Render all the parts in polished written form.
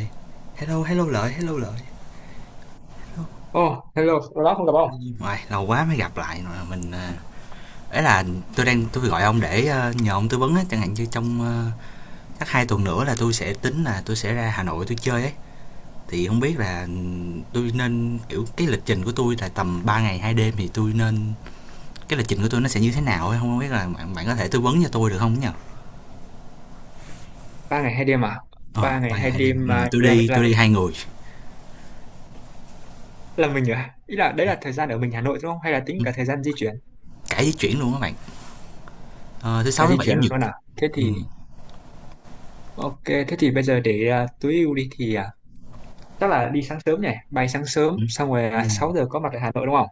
Ê, hello hello lợi hello lợi hello. Oh, hello, ở đó không gặp ông. Hello. Ngoài lâu quá mới gặp lại mà mình à, ấy là tôi gọi ông để nhờ ông tư vấn á, chẳng hạn như trong chắc hai tuần nữa là tôi sẽ ra Hà Nội tôi chơi ấy, thì không biết là tôi nên kiểu cái lịch trình của tôi là tầm 3 ngày hai đêm thì tôi nên cái lịch trình của tôi nó sẽ như thế nào ấy, không biết là bạn bạn có thể tư vấn cho tôi được không nhỉ? Ba ngày hai đêm à? Ờ, Ba ngày ba ngày hai hai đêm. Ừ, đêm à, tôi là đi tôi là đi hai người. là mình à? Ý là đấy là thời gian ở mình Hà Nội đúng không? Hay là tính Ừ, cả thời gian di chuyển, cả di chuyển luôn các bạn. Ờ, thứ cả sáu thứ di bảy chuyển chủ nhật. luôn à? Thế Ừ. thì ok, thế thì bây giờ để tối ưu đi thì chắc là đi sáng sớm nhỉ? Bay sáng sớm, Ừ. xong rồi Ừ. 6 giờ có mặt ở Hà Nội đúng không?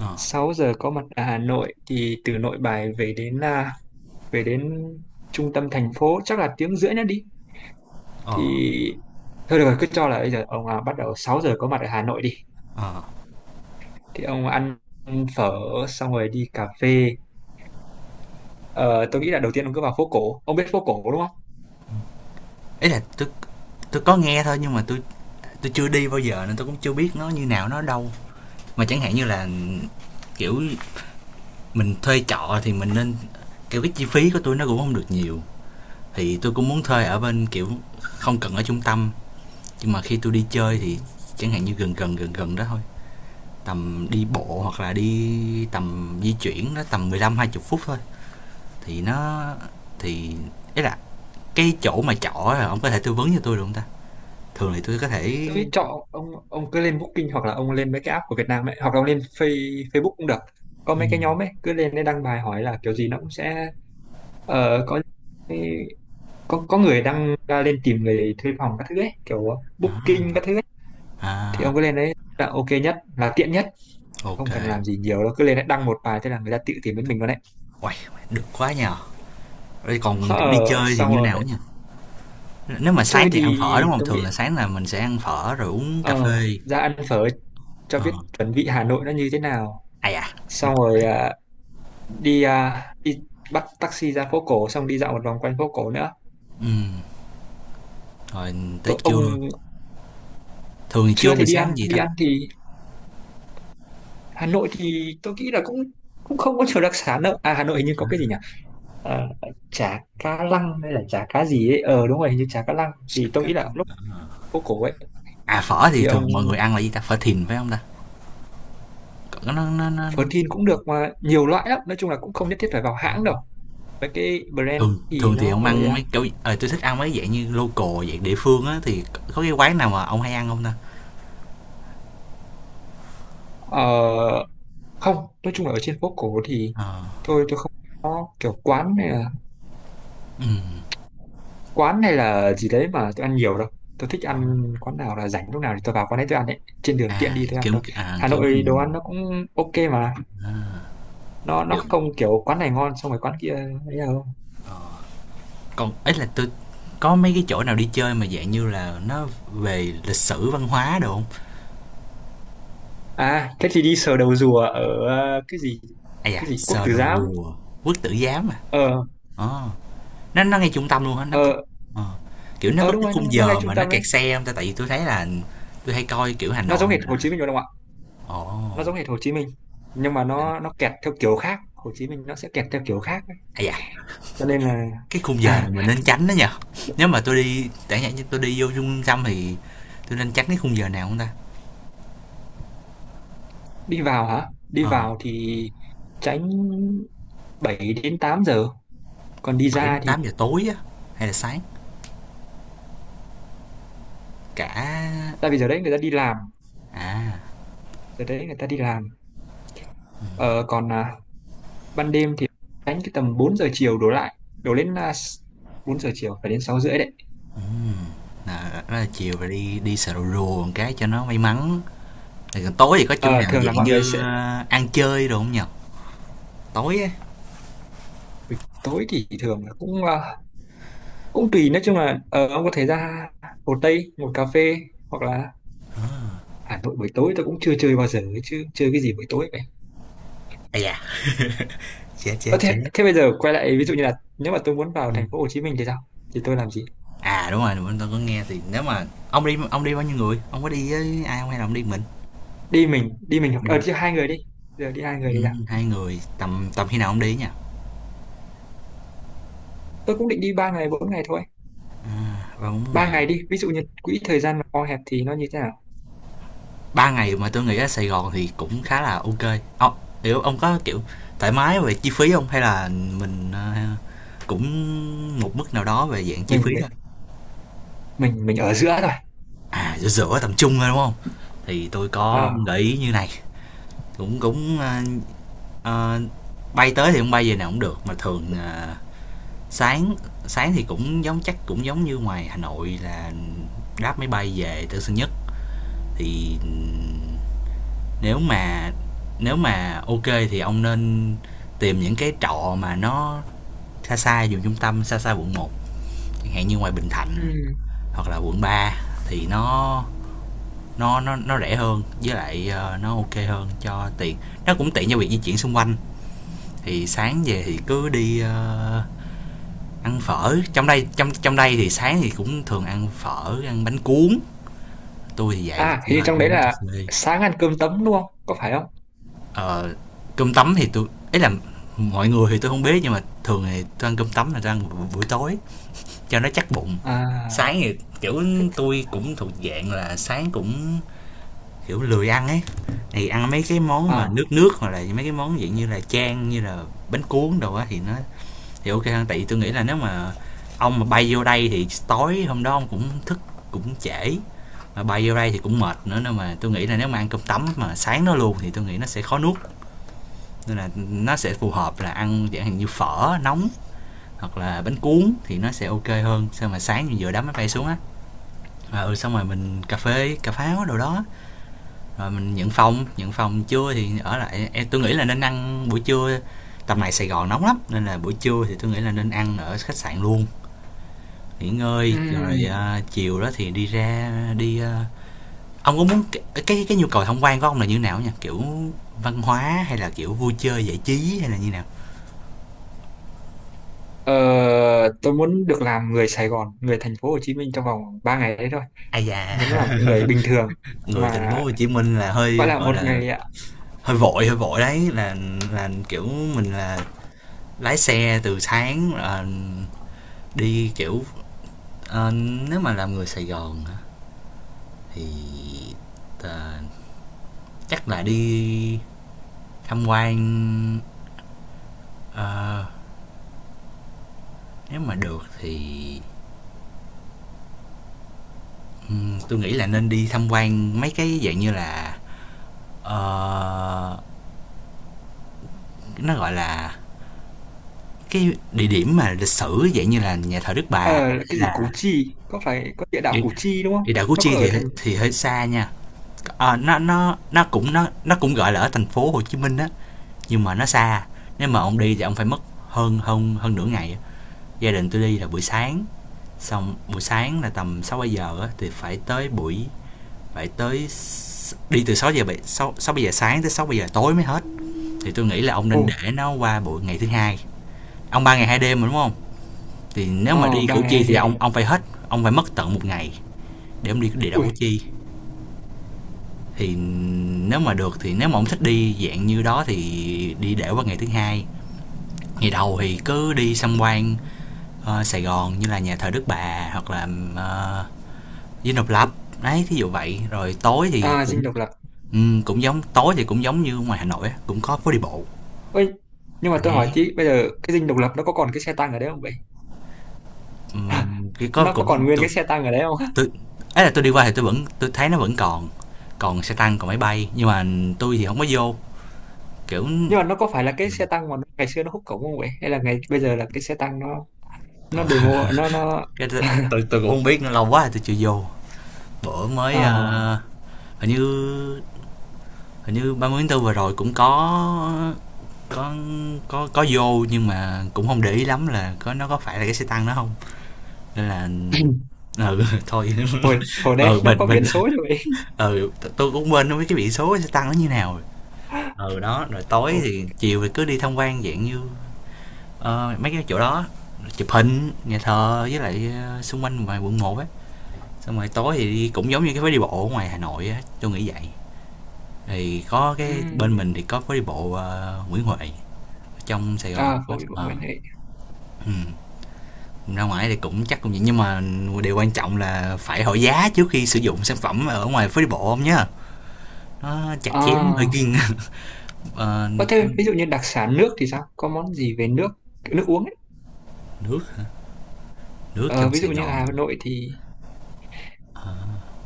Ờ. 6 giờ có mặt ở Hà Nội thì từ Nội Bài về đến về đến trung tâm thành phố chắc là tiếng rưỡi nữa đi. Thì Ờ. thôi được rồi, cứ cho là bây giờ ông bắt đầu 6 giờ có mặt ở Hà Nội đi. Ờ, Thì ông ăn phở xong rồi đi cà phê. Ờ, tôi nghĩ là đầu tiên ông cứ vào phố cổ, ông biết phố cổ đúng không? ý là tôi có nghe thôi, nhưng mà tôi chưa đi bao giờ nên tôi cũng chưa biết nó như nào, nó ở đâu. Mà chẳng hạn như là, kiểu, mình thuê trọ thì mình nên kiểu, cái chi phí của tôi nó cũng không được nhiều, thì tôi cũng muốn thuê ở bên, kiểu, không cần ở trung tâm, nhưng mà khi tôi đi Ừ. chơi thì chẳng hạn như gần gần, gần gần đó thôi, tầm đi bộ hoặc là đi tầm di chuyển nó tầm mười lăm hai 20 phút thôi, thì nó thì ý là cái chỗ mà trọ là ổng có thể tư vấn cho tôi được hông ta? Thường thì tôi có thể Tôi nghĩ chọn ông cứ lên Booking hoặc là ông lên mấy cái app của Việt Nam ấy, hoặc là ông lên Face, Facebook cũng được. Có mấy cái ừm, nhóm ấy, cứ lên đấy đăng bài hỏi là kiểu gì nó cũng sẽ có có người đăng ra lên tìm người thuê phòng các thứ ấy, kiểu Booking à, các thứ ấy. Thì ông à, cứ lên đấy là ok nhất, là tiện nhất. ô. Không cần làm gì nhiều đâu, cứ lên đấy đăng một bài, thế là người ta tự tìm đến mình luôn đấy. Uầy, được quá nhỉ! Vậy còn chỗ đi ờ, chơi thì Xong như rồi nào á nhỉ? Nếu đi mà chơi sáng thì thì ăn phở, đúng không? tôi nghĩ Thường là sáng là mình sẽ ăn phở rồi uống cà Ờ, phê. ra ăn phở cho Ờ, biết chuẩn vị Hà Nội nó như thế nào. à da, được Xong quá. rồi đi đi bắt taxi ra phố cổ xong đi dạo một vòng quanh phố cổ nữa. Ừm, rồi tới Tôi trưa, ông thường thì trưa trưa thì mình sẽ ăn gì đi ta? ăn thì Hà Nội thì tôi nghĩ là cũng cũng không có nhiều đặc sản đâu. À Hà Nội hình như có cái gì nhỉ? Ờ, chả cá lăng hay là chả cá gì ấy. Ờ đúng rồi, hình như chả cá lăng. Thì tôi nghĩ là lúc phố cổ ấy À, phở thì thì thường mọi ông người ăn là gì ta? Phở thìn phải không ta? Còn nó phở thin cũng được mà nhiều loại lắm. Nói chung là cũng không nhất thiết phải vào ờ, hãng đâu. Mấy cái brand thường thì thường thì nó ông hơi ăn mấy kiểu tui thích ăn mấy dạng như local, dạng địa phương á, thì có cái quán nào mà ông hay ăn không ta? ờ không, nói chung là ở trên phố cổ thì Ờ, tôi không có kiểu ừm, quán này là gì đấy mà tôi ăn nhiều đâu. Tôi thích ờ. ăn quán nào là rảnh lúc nào thì tôi vào quán đấy tôi ăn ấy, trên đường tiện đi tôi ăn thôi. À, Hà kiểu Nội đồ ăn nó cũng ok mà, nó kiểu. không kiểu quán này ngon xong rồi quán kia ấy đâu. ờ, Còn ấy là tôi có mấy cái chỗ nào đi chơi mà dạng như là nó về lịch sử văn hóa đồ không? À thế thì đi sờ đầu rùa ở cái gì, À, cái da, gì Quốc Sờ Tử Đồ Giám. Rùa, Quốc Tử Giám à. ờ Ờ, nó ngay trung tâm luôn á, nó có ờ ờ, kiểu nó ờ có đúng cái rồi, nó khung nó ngay giờ trung mà nó tâm kẹt đấy. xe không ta, tại vì tôi thấy là tôi hay coi kiểu Hà Nó Nội giống hệt Hồ mà. Chí Minh rồi đúng không ạ? Nó Ồ. giống hệt Hồ Chí Minh, nhưng mà nó kẹt theo kiểu khác, Hồ Chí Minh nó sẽ kẹt theo kiểu khác Ây da, cho nên là cái khung giờ này à, mình nên tránh đó nha. Nếu mà tôi đi, chẳng hạn như tôi đi vô trung tâm thì tôi nên tránh cái khung giờ nào không ta? đi vào hả? Đi Ờ, vào thì tránh 7 đến 8 giờ, còn đi 7 đến ra thì 8 giờ tối á hay là sáng? Cả tại vì giờ đấy người ta đi làm, à, giờ đấy người ta đi làm. Ờ, Còn ban đêm thì tránh cái tầm 4 giờ chiều đổ lại đổ lên 4 giờ chiều phải đến 6 rưỡi đấy. ừm, là rất là chiều rồi đi đi sờ rù rù một cái cho nó may mắn. Rồi còn tối thì có chỗ Ờ, nào thường là dạng mọi người như, sẽ a, ăn chơi đồ không nhỉ? Tối á, buổi tối thì thường là cũng cũng tùy, nói chung là ông có thể ra Hồ Tây một cà phê, hoặc là Hà Nội buổi tối tôi cũng chưa chơi bao giờ ấy, chứ chơi cái gì buổi tối. à da, chết, Ơ chết, thế, chết. thế bây giờ quay lại, ví dụ như là nếu mà tôi muốn vào Ừm. thành phố Hồ Chí Minh thì sao? Thì tôi làm gì? À, đúng rồi, mình tao có nghe thì nếu mà ông đi bao nhiêu người? Ông có đi với ai không hay là ông đi mình? Đi mình hoặc Đi ờ đi hai người đi. Giờ đi hai người thì sao? 2 người, tầm tầm khi nào ông đi á nhỉ? Tôi cũng định đi ba ngày bốn ngày thôi. À, 3-4 Ba ngày. ngày đi, ví dụ như quỹ thời gian mà co hẹp thì nó như thế nào? Ba ngày mà tôi nghĩ ở Sài Gòn thì cũng khá là ok ông, kiểu ông có kiểu thoải mái về chi phí không, hay là mình cũng một mức nào đó về dạng chi Mình phí thôi. mình ở giữa thôi. À giữa giữa tầm trung thôi đúng không, thì tôi có Ờ. gợi ý như này, cũng cũng ờ, bay tới thì không bay về nào cũng được mà thường sáng sáng thì cũng giống, chắc cũng giống như ngoài Hà Nội là đáp máy bay về Tân Sơn Nhất thì Nếu mà nếu mà ok thì ông nên tìm những cái trọ mà nó xa xa vùng trung tâm, xa xa quận một, chẳng hạn như ngoài Bình Thạnh Ừm. hoặc là quận ba, thì nó rẻ hơn, với lại nó ok hơn cho tiện. Nó cũng tiện cho việc di chuyển xung quanh. Thì sáng về thì cứ đi ăn phở. Trong đây thì sáng thì cũng thường ăn phở, ăn bánh cuốn. Tôi thì vậy, À, do hình như là trong đấy uống cà là phê. sáng ăn cơm tấm đúng không? Có phải không? ờ, Cơm tấm thì tôi ấy là mọi người thì tôi không biết, nhưng mà thường thì tôi ăn cơm tấm là tôi ăn buổi tối cho nó chắc bụng. À, Sáng thì kiểu thích- tôi cũng thuộc dạng là sáng cũng kiểu lười ăn ấy, thì ăn mấy cái món mà à. nước nước, hoặc là mấy cái món dạng như là chan, như là bánh cuốn đồ á, thì nó thì ok hơn, tại vì tôi nghĩ là nếu mà ông mà bay vô đây thì tối hôm đó ông cũng thức cũng trễ, mà bay vô đây thì cũng mệt nữa, nên mà tôi nghĩ là nếu mà ăn cơm tấm mà sáng nó luôn thì tôi nghĩ nó sẽ khó nuốt, nên là nó sẽ phù hợp là ăn dạng hình như phở nóng hoặc là bánh cuốn thì nó sẽ ok hơn, sao mà sáng mình vừa đá máy bay xuống á. Và ừ xong rồi mình cà phê cà pháo đồ đó, rồi mình nhận phòng, trưa thì ở lại, em tôi nghĩ là nên ăn buổi trưa, tầm này Sài Gòn nóng lắm, nên là buổi trưa thì tôi nghĩ là nên ăn ở khách sạn luôn, nghỉ ngơi rồi Ừm. à, chiều đó thì đi ra đi à, ông có muốn cái nhu cầu tham quan của ông là như nào nha, kiểu văn hóa hay là kiểu vui chơi giải trí hay là như nào? Ờ, tôi muốn được làm người Sài Gòn, người thành phố Hồ Chí Minh trong vòng 3 ngày đấy thôi. Ai da Muốn làm người bình thường người thành mà phố Hồ Chí Minh là gọi hơi là gọi một là ngày. hơi vội đấy, là kiểu mình là lái xe từ sáng là đi kiểu ờ, nếu mà làm người Sài Gòn thì ờ, chắc là đi tham quan ờ, nếu mà được thì tôi nghĩ là nên đi tham quan mấy cái dạng như là ờ, nó gọi là cái địa điểm mà lịch sử, dạng như là nhà thờ Đức Bà Ờ hay là cái gì Củ là Chi, có phải có địa đạo địa, Củ Chi đúng đi không, đảo Củ nó Chi có ở thành thì hơi xa nha. Ờ, nó cũng gọi là ở thành phố Hồ Chí Minh á, nhưng mà nó xa, nếu mà ông đi thì ông phải mất hơn hơn hơn nửa ngày. Gia đình tôi đi là buổi sáng, xong buổi sáng là tầm 6 7 giờ á, thì phải tới buổi phải tới đi từ 6 giờ 7 6 6 giờ sáng tới 6 7 giờ tối mới hết, thì tôi nghĩ là ông ồ nên để nó qua buổi ngày thứ hai. Ông ba ngày hai đêm mà đúng không, thì nếu mà đi ờ ba Củ ngày Chi hai thì đêm ông phải hết, ông phải mất tận một ngày để ông đi địa đạo Củ ui Chi. Thì nếu mà được thì nếu mà ông thích đi dạng như đó thì đi để qua ngày thứ hai, ngày đầu thì cứ đi xăm quan Sài Gòn như là nhà thờ Đức Bà hoặc là ờ, Dinh Độc Lập, đấy thí dụ vậy, rồi tối thì à dinh cũng độc lập ừ, cũng giống tối thì cũng giống như ngoài Hà Nội á, cũng có phố đi bộ. ơi, nhưng mà tôi hỏi Đấy tí, bây giờ cái dinh độc lập nó có còn cái xe tăng ở đấy không vậy? À, ừm, cái có nó có cũng còn nguyên tôi cái xe tăng ở đấy không? tôi ấy là tôi đi qua thì tôi thấy nó vẫn còn, còn xe tăng còn máy bay, nhưng mà tôi thì không có vô kiểu Nhưng mà nó có phải là cái ừ, xe tăng mà nó- ngày xưa nó húc cổng không vậy, hay là ngày bây giờ là cái xe tăng nó ờ, demo nó cái tôi cũng không biết, nó lâu quá rồi tôi chưa vô, bữa ờ mới hình như 30 tháng 4 vừa rồi cũng có có vô nhưng mà cũng không để ý lắm là có nó có phải là cái xe tăng đó không, nên là ừ thôi hồi hồi đấy ừ nó mình có mình biển số rồi vậy ừ tôi cũng quên, không biết cái biển số cái xe tăng nó như nào rồi. Ừ đó rồi tối ồ thì chiều thì cứ đi tham quan dạng như ờ, mấy cái chỗ đó, chụp hình nhà thờ với lại xung quanh ngoài quận một á, xong rồi tối thì đi cũng giống như cái phố đi bộ ở ngoài Hà Nội á, tôi nghĩ vậy. Thì có cái bên ừm. mình thì có phố đi bộ Nguyễn Huệ, trong Sài Gòn À thì có phố đi bộ ờ, Nguyễn Huệ. ừ. Ra ngoài thì cũng chắc cũng vậy, nhưng mà điều quan trọng là phải hỏi giá trước khi sử dụng sản phẩm ở ngoài phố đi bộ không nhá, nó chặt chém hơi À kiêng Ờ, Ờ, thêm ví dụ như đặc sản nước thì sao? Có món gì về nước, kiểu nước uống ấy? nước, nước Ờ, trong ví dụ Sài như Gòn Hà Nội thì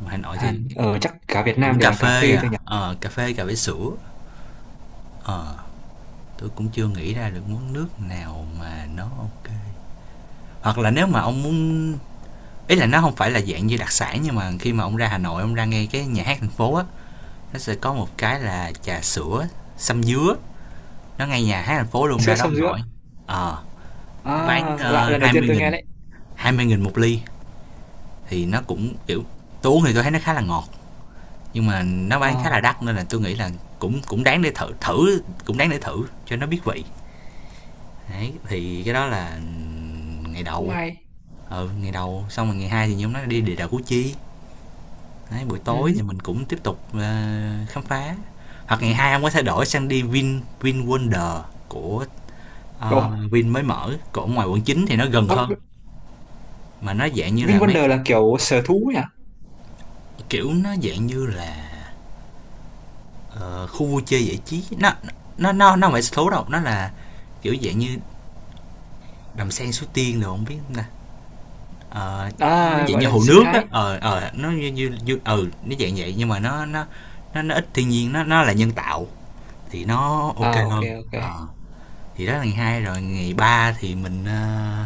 Hà Nội thì Hàn ở chắc cả Việt Nam cũng đều cà là cà phê phê à. thôi nhỉ? Ờ, cà phê, cà phê sữa. Ờ, tôi cũng chưa nghĩ ra được món nước nào mà nó ok, hoặc là nếu mà ông muốn ý là nó không phải là dạng như đặc sản, nhưng mà khi mà ông ra Hà Nội, ông ra ngay cái nhà hát thành phố á, nó sẽ có một cái là trà sữa sâm dứa, nó ngay nhà hát thành phố luôn, Sữa ra đó sâm ông dứa. nội. Ờ nó bán À, lạ, lần đầu tiên 20 tôi nghe nghìn, đấy. 20 nghìn một ly, thì nó cũng kiểu tôi uống thì tôi thấy nó khá là ngọt, nhưng mà nó Ờ, bán khá là đắt, nên là tôi nghĩ là cũng cũng đáng để thử, thử cũng đáng để thử cho nó biết vị. Đấy thì cái đó là ngày cũng đầu. hay. Ừ ngày đầu xong rồi ngày hai thì nhóm nó đi địa đạo Củ Chi. Đấy, buổi Ừ. tối thì mình cũng tiếp tục khám phá, hoặc ngày hai ông có thể đổi sang đi Vin Vin Wonder của Ồ, Vin mới mở của ngoài quận 9 thì nó gần ơ, hơn, mà nó dạng như là mấy VinWonder là kiểu sở thú nhỉ? kiểu nó dạng như là ờ, khu vui chơi giải trí, nó không phải số đâu, nó là kiểu dạng như đầm sen Suối Tiên rồi không biết nè. Ờ, nó À, dạng gọi như là hồ sinh nước á, thái. ờ ờ nó như như ừ nó dạng vậy, nhưng mà nó ít thiên nhiên, nó là nhân tạo, thì nó ok À, ok hơn. ok. Ờ thì đó là ngày hai, rồi ngày ba thì mình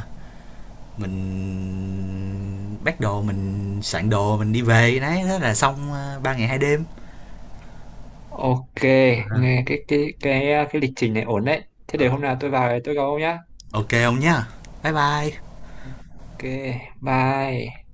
mình bắt đồ, mình soạn đồ, mình đi về, đấy thế là xong ờ, ba ngày hai đêm. Ok, nghe cái cái lịch trình này ổn đấy. Thế để Ừ. hôm nào tôi vào tôi gặp ông nhá. Ok không nhá, bye bye. Ok, bye.